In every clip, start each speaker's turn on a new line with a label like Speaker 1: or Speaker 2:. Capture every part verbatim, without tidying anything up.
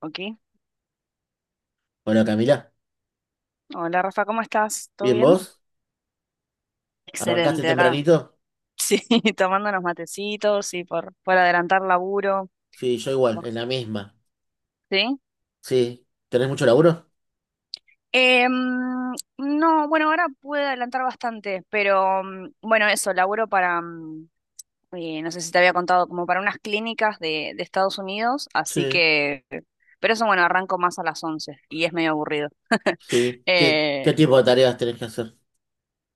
Speaker 1: Ok.
Speaker 2: Hola Camila,
Speaker 1: Hola Rafa, ¿cómo estás? ¿Todo
Speaker 2: ¿bien
Speaker 1: bien?
Speaker 2: vos? ¿Arrancaste
Speaker 1: Excelente, acá.
Speaker 2: tempranito?
Speaker 1: Sí, tomando unos matecitos y por, por adelantar laburo.
Speaker 2: Sí, yo igual,
Speaker 1: ¿Vos-
Speaker 2: en la misma.
Speaker 1: ¿Sí?
Speaker 2: Sí, ¿tenés mucho laburo?
Speaker 1: Em, no, bueno, ahora pude adelantar bastante, pero mm, bueno, eso, laburo para, mm, eh, no sé si te había contado, como para unas clínicas de, de Estados Unidos, así
Speaker 2: Sí,
Speaker 1: que, pero eso bueno, arranco más a las once y es medio aburrido.
Speaker 2: sí. ¿Qué, qué tipo de tareas tenés que hacer?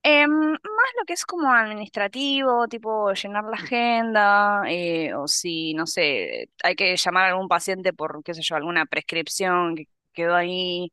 Speaker 1: Em, más lo que es como administrativo, tipo llenar la agenda, eh, o si, no sé, hay que llamar a algún paciente por, qué sé yo, alguna prescripción que quedó ahí,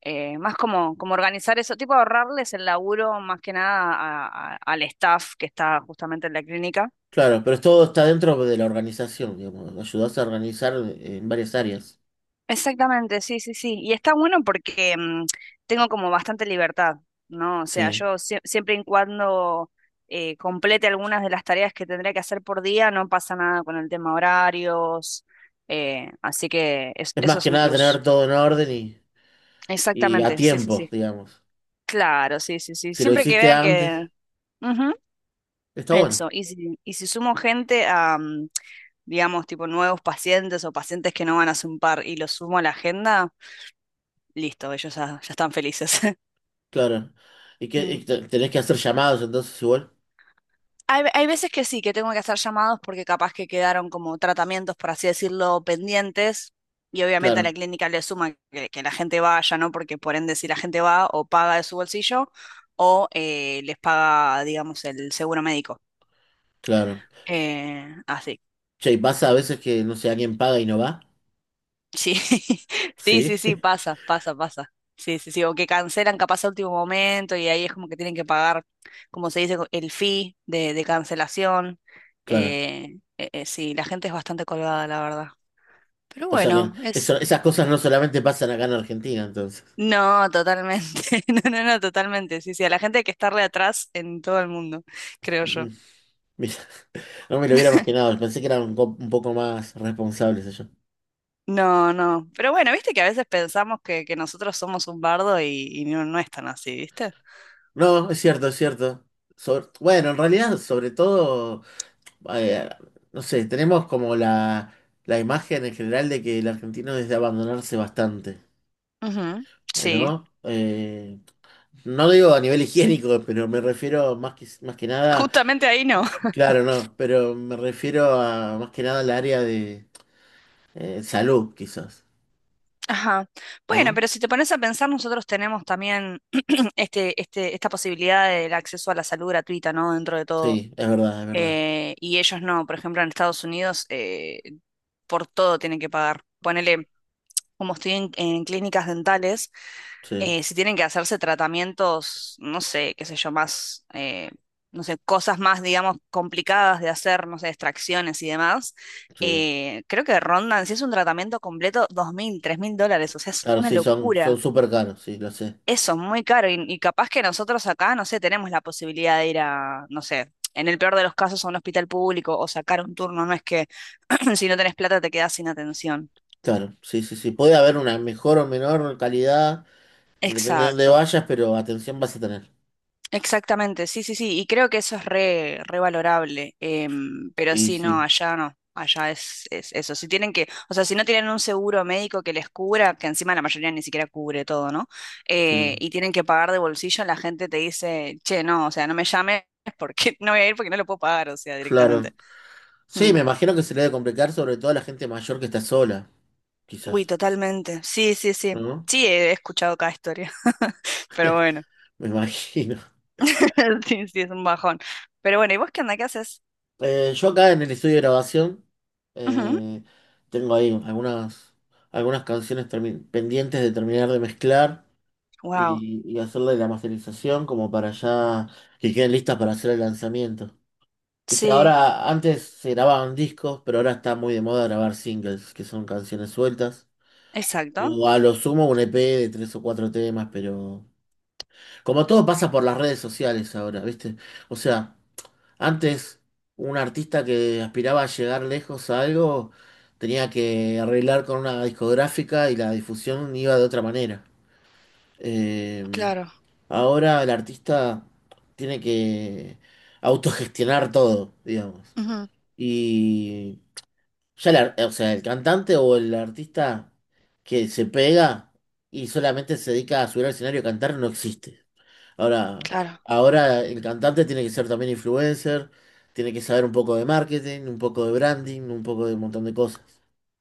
Speaker 1: eh, más como, como organizar eso, tipo ahorrarles el laburo más que nada a- a- al staff que está justamente en la clínica.
Speaker 2: Claro, pero todo está dentro de la organización, digamos. Ayudás a organizar en varias áreas.
Speaker 1: Exactamente, sí, sí, sí. Y está bueno porque mm, tengo como bastante libertad, ¿no? O sea,
Speaker 2: Sí.
Speaker 1: yo sie- siempre y cuando eh, complete algunas de las tareas que tendría que hacer por día, no pasa nada con el tema horarios, eh, así que es-
Speaker 2: Es más
Speaker 1: eso es
Speaker 2: que
Speaker 1: un
Speaker 2: nada tener
Speaker 1: plus.
Speaker 2: todo en orden y, y a
Speaker 1: Exactamente, sí, sí,
Speaker 2: tiempo,
Speaker 1: sí.
Speaker 2: digamos.
Speaker 1: Claro, sí, sí, sí.
Speaker 2: Si lo
Speaker 1: Siempre que
Speaker 2: hiciste
Speaker 1: vean que.
Speaker 2: antes,
Speaker 1: Ujú,
Speaker 2: está bueno,
Speaker 1: eso, y si, y si sumo gente a, mm, digamos, tipo nuevos pacientes o pacientes que no van a par y los sumo a la agenda, listo, ellos ya ya están felices.
Speaker 2: claro. ¿Y qué,
Speaker 1: Mm.
Speaker 2: y te- tenés que hacer llamados entonces igual?
Speaker 1: Hay, hay veces que sí, que tengo que hacer llamados porque capaz que quedaron como tratamientos, por así decirlo, pendientes. Y obviamente a la
Speaker 2: Claro,
Speaker 1: clínica le suma que, que la gente vaya, ¿no? Porque por ende, si la gente va o paga de su bolsillo o eh, les paga, digamos, el seguro médico.
Speaker 2: claro.
Speaker 1: Eh, así.
Speaker 2: Che, ¿y pasa a veces que, no sé, alguien paga y no va?
Speaker 1: Sí, sí,
Speaker 2: Sí.
Speaker 1: sí, sí, pasa, pasa, pasa. Sí, sí, sí, o que cancelan capaz a último momento y ahí es como que tienen que pagar, como se dice, el fee de, de cancelación.
Speaker 2: Claro.
Speaker 1: Eh, eh, eh, sí, la gente es bastante colgada, la verdad. Pero
Speaker 2: O sea que
Speaker 1: bueno,
Speaker 2: eso-
Speaker 1: es.
Speaker 2: esas cosas no solamente pasan acá en Argentina, entonces.
Speaker 1: No, totalmente. No, no, no, totalmente. Sí, sí, a la gente hay que estarle atrás en todo el mundo, creo yo.
Speaker 2: Mm, Mira, no me lo hubiera imaginado. Pensé que eran un, co- un poco más responsables ellos.
Speaker 1: No, no. Pero bueno, viste que a veces pensamos que, que nosotros somos un bardo y, y no, no es tan así, ¿viste?
Speaker 2: No, es cierto, es cierto. Sobre- bueno, en realidad, sobre todo, eh, no sé, tenemos como la, la imagen en general de que el argentino es de abandonarse bastante,
Speaker 1: Ujú,
Speaker 2: eh,
Speaker 1: sí,
Speaker 2: ¿no? Eh, no digo a nivel higiénico, pero me refiero más que, más que nada,
Speaker 1: justamente ahí no.
Speaker 2: claro, no, pero me refiero a más que nada al área de Eh, salud, quizás,
Speaker 1: Ajá. Bueno,
Speaker 2: ¿no?
Speaker 1: pero si te pones a pensar, nosotros tenemos también este, este, esta posibilidad del acceso a la salud gratuita, ¿no? Dentro de todo.
Speaker 2: Sí, es verdad, es verdad.
Speaker 1: Eh, y ellos no, por ejemplo, en Estados Unidos, eh, por todo tienen que pagar. Ponele, como estoy en, en clínicas dentales,
Speaker 2: Sí,
Speaker 1: eh, si tienen que hacerse tratamientos, no sé, qué sé yo, más, eh, no sé, cosas más, digamos, complicadas de hacer, no sé, extracciones y demás,
Speaker 2: sí.
Speaker 1: eh, creo que rondan, si es un tratamiento completo, dos mil, tres mil dólares, o sea, es
Speaker 2: Claro,
Speaker 1: una
Speaker 2: sí, son, son
Speaker 1: locura.
Speaker 2: súper caros, sí, lo sé.
Speaker 1: Eso, muy caro. Y, y capaz que nosotros acá, no sé, tenemos la posibilidad de ir a, no sé, en el peor de los casos a un hospital público o sacar un turno. No es que si no tenés plata te quedás sin atención.
Speaker 2: Claro, sí, sí, sí. Puede haber una mejor o menor calidad, depende de dónde
Speaker 1: Exacto.
Speaker 2: vayas, pero atención vas a tener.
Speaker 1: Exactamente, sí, sí, sí, y creo que eso es re, re valorable, em, pero
Speaker 2: Y
Speaker 1: sí, no,
Speaker 2: sí,
Speaker 1: allá no, allá es, es eso, si tienen que, o sea, si no tienen un seguro médico que les cubra, que encima la mayoría ni siquiera cubre todo, ¿no?
Speaker 2: sí,
Speaker 1: Eh, y tienen que pagar de bolsillo, la gente te dice, che, no, o sea, no me llames porque no voy a ir porque no lo puedo pagar, o sea, directamente.
Speaker 2: claro. Sí,
Speaker 1: Mm.
Speaker 2: me imagino que se le debe complicar sobre todo a la gente mayor que está sola,
Speaker 1: Uy,
Speaker 2: quizás,
Speaker 1: totalmente, sí, sí, sí,
Speaker 2: ¿no?
Speaker 1: sí, he escuchado cada historia, pero bueno,
Speaker 2: Me imagino.
Speaker 1: sí, sí, es un bajón, pero bueno, ¿y vos qué onda, qué haces?
Speaker 2: Eh, yo acá en el estudio de grabación eh, tengo ahí algunas, algunas canciones termi- pendientes de terminar de mezclar.
Speaker 1: Wow,
Speaker 2: y, y hacerle la masterización como para ya que queden listas para hacer el lanzamiento. Viste,
Speaker 1: sí.
Speaker 2: ahora antes se grababan discos, pero ahora está muy de moda grabar singles, que son canciones sueltas.
Speaker 1: Exacto,
Speaker 2: O a lo sumo un E P de tres o cuatro temas, pero como todo pasa por las redes sociales ahora, ¿viste? O sea, antes un artista que aspiraba a llegar lejos a algo tenía que arreglar con una discográfica y la difusión iba de otra manera. Eh,
Speaker 1: claro,
Speaker 2: Ahora el artista tiene que autogestionar todo, digamos.
Speaker 1: ujú,
Speaker 2: Y ya el, ar- o sea, el cantante o el artista que se pega y solamente se dedica a subir al escenario a cantar no existe. Ahora,
Speaker 1: claro,
Speaker 2: ahora el cantante tiene que ser también influencer, tiene que saber un poco de marketing, un poco de branding, un poco de un montón de cosas.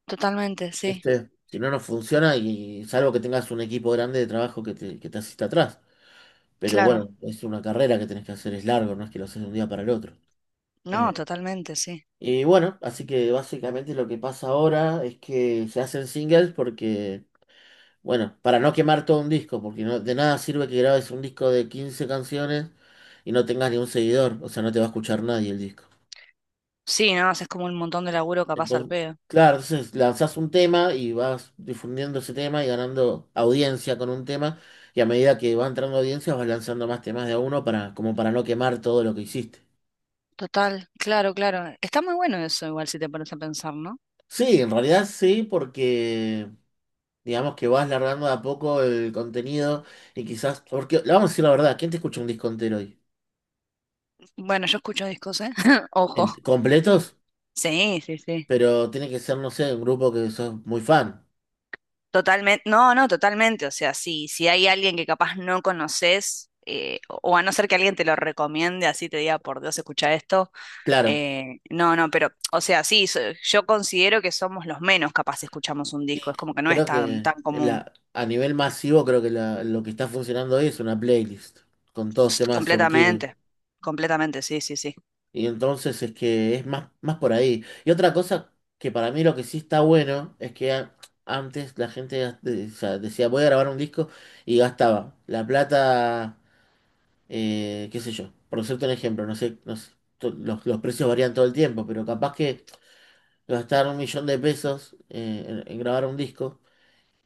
Speaker 1: totalmente, sí,
Speaker 2: ¿Viste? Si no, no funciona y salvo que tengas un equipo grande de trabajo que te, que te asista atrás. Pero
Speaker 1: claro,
Speaker 2: bueno, es una carrera que tenés que hacer, es largo, no es que lo haces de un día para el otro.
Speaker 1: no,
Speaker 2: Eh,
Speaker 1: totalmente, sí.
Speaker 2: y bueno, así que básicamente lo que pasa ahora es que se hacen singles porque, bueno, para no quemar todo un disco, porque no, de nada sirve que grabes un disco de quince canciones y no tengas ni un seguidor, o sea, no te va a escuchar nadie el disco.
Speaker 1: Sí, no, haces como un montón de laburo capaz al
Speaker 2: Entonces,
Speaker 1: pedo.
Speaker 2: claro, entonces lanzás un tema y vas difundiendo ese tema y ganando audiencia con un tema, y a medida que va entrando audiencia vas lanzando más temas de a uno para, como para no quemar todo lo que hiciste.
Speaker 1: Total, claro, claro. Está muy bueno eso igual si te pones a pensar, ¿no?
Speaker 2: Sí, en realidad sí, porque digamos que vas largando de a poco el contenido y quizás, porque le vamos a decir la verdad, ¿quién te escucha un disco entero hoy?
Speaker 1: Bueno, yo escucho discos, ¿eh?
Speaker 2: En-
Speaker 1: Ojo.
Speaker 2: completos,
Speaker 1: Sí, sí, sí.
Speaker 2: pero tiene que ser, no sé, un grupo que sos muy fan,
Speaker 1: Totalmente, no, no, totalmente. O sea, sí, si hay alguien que capaz no conoces, eh, o a no ser que alguien te lo recomiende, así te diga, por Dios, escucha esto.
Speaker 2: claro.
Speaker 1: Eh, no, no, pero, o sea, sí, so- yo considero que somos los menos capaz si escuchamos un
Speaker 2: Y
Speaker 1: disco, es como que no es
Speaker 2: creo
Speaker 1: tan,
Speaker 2: que
Speaker 1: tan común.
Speaker 2: la, a nivel masivo, creo que la- lo que está funcionando hoy es una playlist, con todos
Speaker 1: Pst,
Speaker 2: temas surtidos.
Speaker 1: completamente, completamente, sí, sí, sí.
Speaker 2: Y entonces es que es más, más por ahí. Y otra cosa que para mí lo que sí está bueno es que a- antes la gente gas- de- o sea, decía voy a grabar un disco y gastaba la plata, eh, qué sé yo, por cierto un ejemplo, no sé, no sé, to- los, los precios varían todo el tiempo, pero capaz que gastar un millón de pesos eh, en, en grabar un disco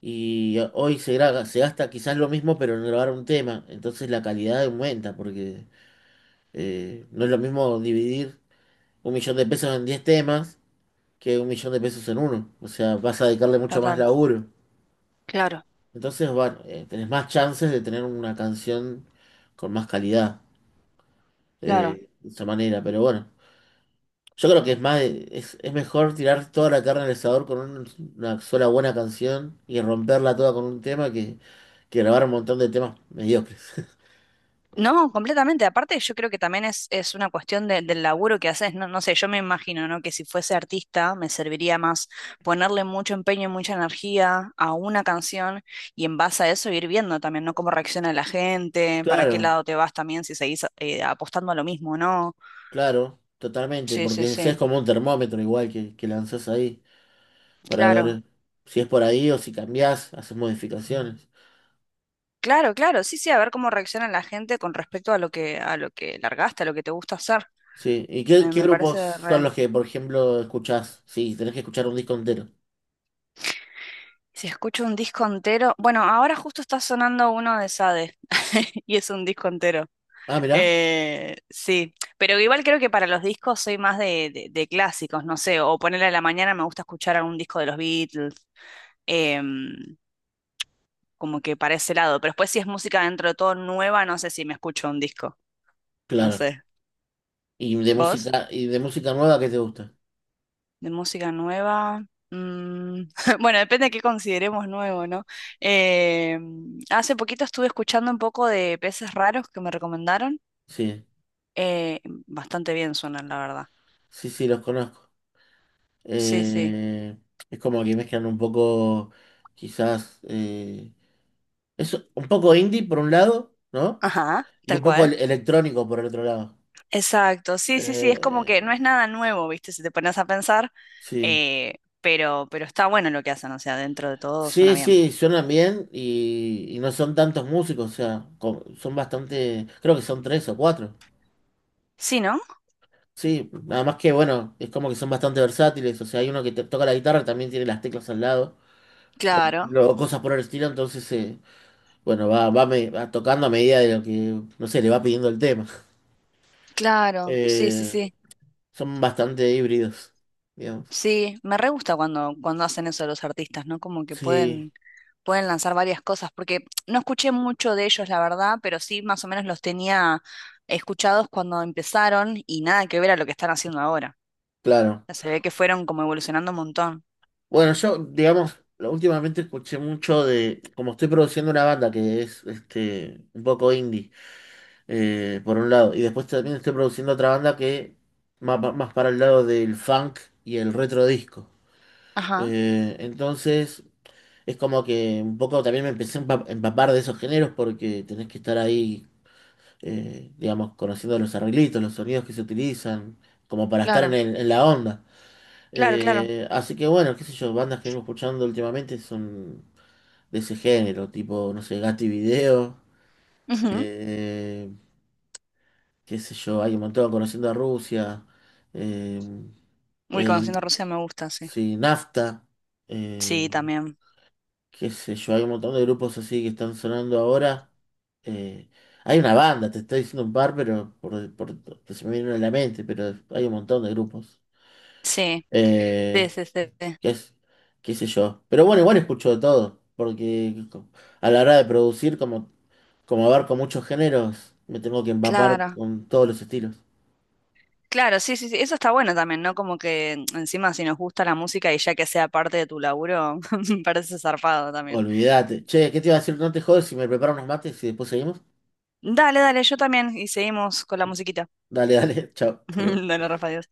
Speaker 2: y hoy se, gra- se gasta quizás lo mismo pero en grabar un tema, entonces la calidad aumenta porque eh, no es lo mismo dividir un millón de pesos en diez temas que un millón de pesos en uno. O sea, vas a dedicarle mucho más
Speaker 1: Total,
Speaker 2: laburo.
Speaker 1: claro,
Speaker 2: Entonces, bueno, eh, tenés más chances de tener una canción con más calidad
Speaker 1: claro.
Speaker 2: eh, de esa manera. Pero bueno, yo creo que es más, es, es mejor tirar toda la carne al asador con un- una sola buena canción y romperla toda con un tema que, que grabar un montón de temas mediocres.
Speaker 1: No, completamente. Aparte, yo creo que también es, es una cuestión de- del laburo que haces. No, no sé, yo me imagino, ¿no? Que si fuese artista, me serviría más ponerle mucho empeño y mucha energía a una canción y en base a eso ir viendo también, ¿no? Cómo reacciona la gente, para qué
Speaker 2: Claro,
Speaker 1: lado te vas también si seguís eh, apostando a lo mismo, ¿no?
Speaker 2: claro, totalmente,
Speaker 1: Sí, sí,
Speaker 2: porque ese es
Speaker 1: sí,
Speaker 2: como un termómetro igual que, que lanzás ahí. Para
Speaker 1: claro,
Speaker 2: ver si es por ahí o si cambiás, haces modificaciones.
Speaker 1: claro, claro, sí, sí, a ver cómo reacciona la gente con respecto a lo que, a lo que, largaste, a lo que te gusta hacer.
Speaker 2: Sí, ¿y qué,
Speaker 1: Me,
Speaker 2: qué
Speaker 1: me
Speaker 2: grupos
Speaker 1: parece
Speaker 2: son
Speaker 1: re.
Speaker 2: los que, por ejemplo, escuchás? Sí, tenés que escuchar un disco entero.
Speaker 1: Si escucho un disco entero, bueno, ahora justo está sonando uno de Sade y es un disco entero.
Speaker 2: Ah, mirá,
Speaker 1: Eh, sí, pero igual creo que para los discos soy más de, de- de clásicos, no sé, o ponerle a la mañana me gusta escuchar algún disco de los Beatles, em, como que para ese lado, pero después si es música dentro de todo nueva, no sé si me escucho un disco, no
Speaker 2: claro.
Speaker 1: sé.
Speaker 2: Y de
Speaker 1: ¿Vos?
Speaker 2: música, y de música nueva, ¿qué te gusta?
Speaker 1: De música nueva. mm, bueno, depende de qué consideremos nuevo, ¿no? Eh, Hace poquito estuve escuchando un poco de Peces Raros que me recomendaron.
Speaker 2: Sí,
Speaker 1: eh, Bastante bien suenan, la verdad.
Speaker 2: sí, sí, los conozco.
Speaker 1: Sí, sí.
Speaker 2: Eh, es como que mezclan un poco, quizás, eh, es un poco indie por un lado, ¿no?
Speaker 1: Ajá,
Speaker 2: Y
Speaker 1: tal
Speaker 2: un poco el-
Speaker 1: cual.
Speaker 2: electrónico por el otro lado.
Speaker 1: Exacto, sí, sí, sí, es como
Speaker 2: Eh,
Speaker 1: que no es nada nuevo, ¿viste? Si te pones a pensar,
Speaker 2: sí.
Speaker 1: eh, pero, pero está bueno lo que hacen, o sea, dentro de todo suena
Speaker 2: Sí,
Speaker 1: bien.
Speaker 2: sí, suenan bien y, y no son tantos músicos, o sea, co- son bastante, creo que son tres o cuatro.
Speaker 1: Sí, ¿no?
Speaker 2: Sí, nada más que bueno, es como que son bastante versátiles, o sea, hay uno que te toca la guitarra, también tiene las teclas al lado,
Speaker 1: Claro,
Speaker 2: o cosas por el estilo, entonces, eh, bueno, va, va, me- va tocando a medida de lo que, no sé, le va pidiendo el tema.
Speaker 1: claro, sí, sí,
Speaker 2: Eh,
Speaker 1: sí.
Speaker 2: son bastante híbridos, digamos.
Speaker 1: Sí, me re gusta cuando, cuando hacen eso los artistas, ¿no? Como que
Speaker 2: Sí,
Speaker 1: pueden pueden lanzar varias cosas, porque no escuché mucho de ellos, la verdad, pero sí más o menos los tenía escuchados cuando empezaron y nada que ver a lo que están haciendo ahora. O
Speaker 2: claro.
Speaker 1: sea, se ve que fueron como evolucionando un montón.
Speaker 2: Bueno, yo, digamos, lo- últimamente escuché mucho de, como estoy produciendo una banda que es este, un poco indie, eh, por un lado, y después también estoy produciendo otra banda que más, pa- más para el lado del funk y el retro disco.
Speaker 1: Ajá,
Speaker 2: Eh, entonces, es como que un poco también me empecé a empa- empapar de esos géneros porque tenés que estar ahí, eh, digamos, conociendo los arreglitos, los sonidos que se utilizan, como para estar en
Speaker 1: claro,
Speaker 2: el- en la onda.
Speaker 1: claro, claro.
Speaker 2: Eh, así que bueno, qué sé yo, bandas que vengo escuchando últimamente son de ese género, tipo, no sé, Gatti Video,
Speaker 1: Ujú.
Speaker 2: eh, qué sé yo, hay un montón, Conociendo a Rusia, eh,
Speaker 1: Uy,
Speaker 2: eh,
Speaker 1: conociendo a Rusia me gusta, sí.
Speaker 2: sí, Nafta,
Speaker 1: Sí,
Speaker 2: eh,
Speaker 1: también.
Speaker 2: qué sé yo, hay un montón de grupos así que están sonando ahora. eh, hay una banda, te estoy diciendo un par, pero por, por- que se me vienen a la mente, pero hay un montón de grupos.
Speaker 1: Sí, sí,
Speaker 2: Eh,
Speaker 1: sí, sí. Sí.
Speaker 2: qué, es- qué sé yo. Pero bueno, igual escucho de todo, porque a la hora de producir, como, como abarco muchos géneros, me tengo que empapar
Speaker 1: Claro.
Speaker 2: con todos los estilos.
Speaker 1: Claro, sí, sí, sí, eso está bueno también, ¿no? Como que mm, encima si nos gusta la música y ya que sea parte de tu laburo, me parece zarpado también.
Speaker 2: Olvídate. Che, ¿qué te iba a decir? No te jodes si me preparo unos mates y después seguimos.
Speaker 1: Dale, dale, yo también y seguimos con la musiquita.
Speaker 2: Dale, dale, chao, hasta luego.
Speaker 1: Dona Rafa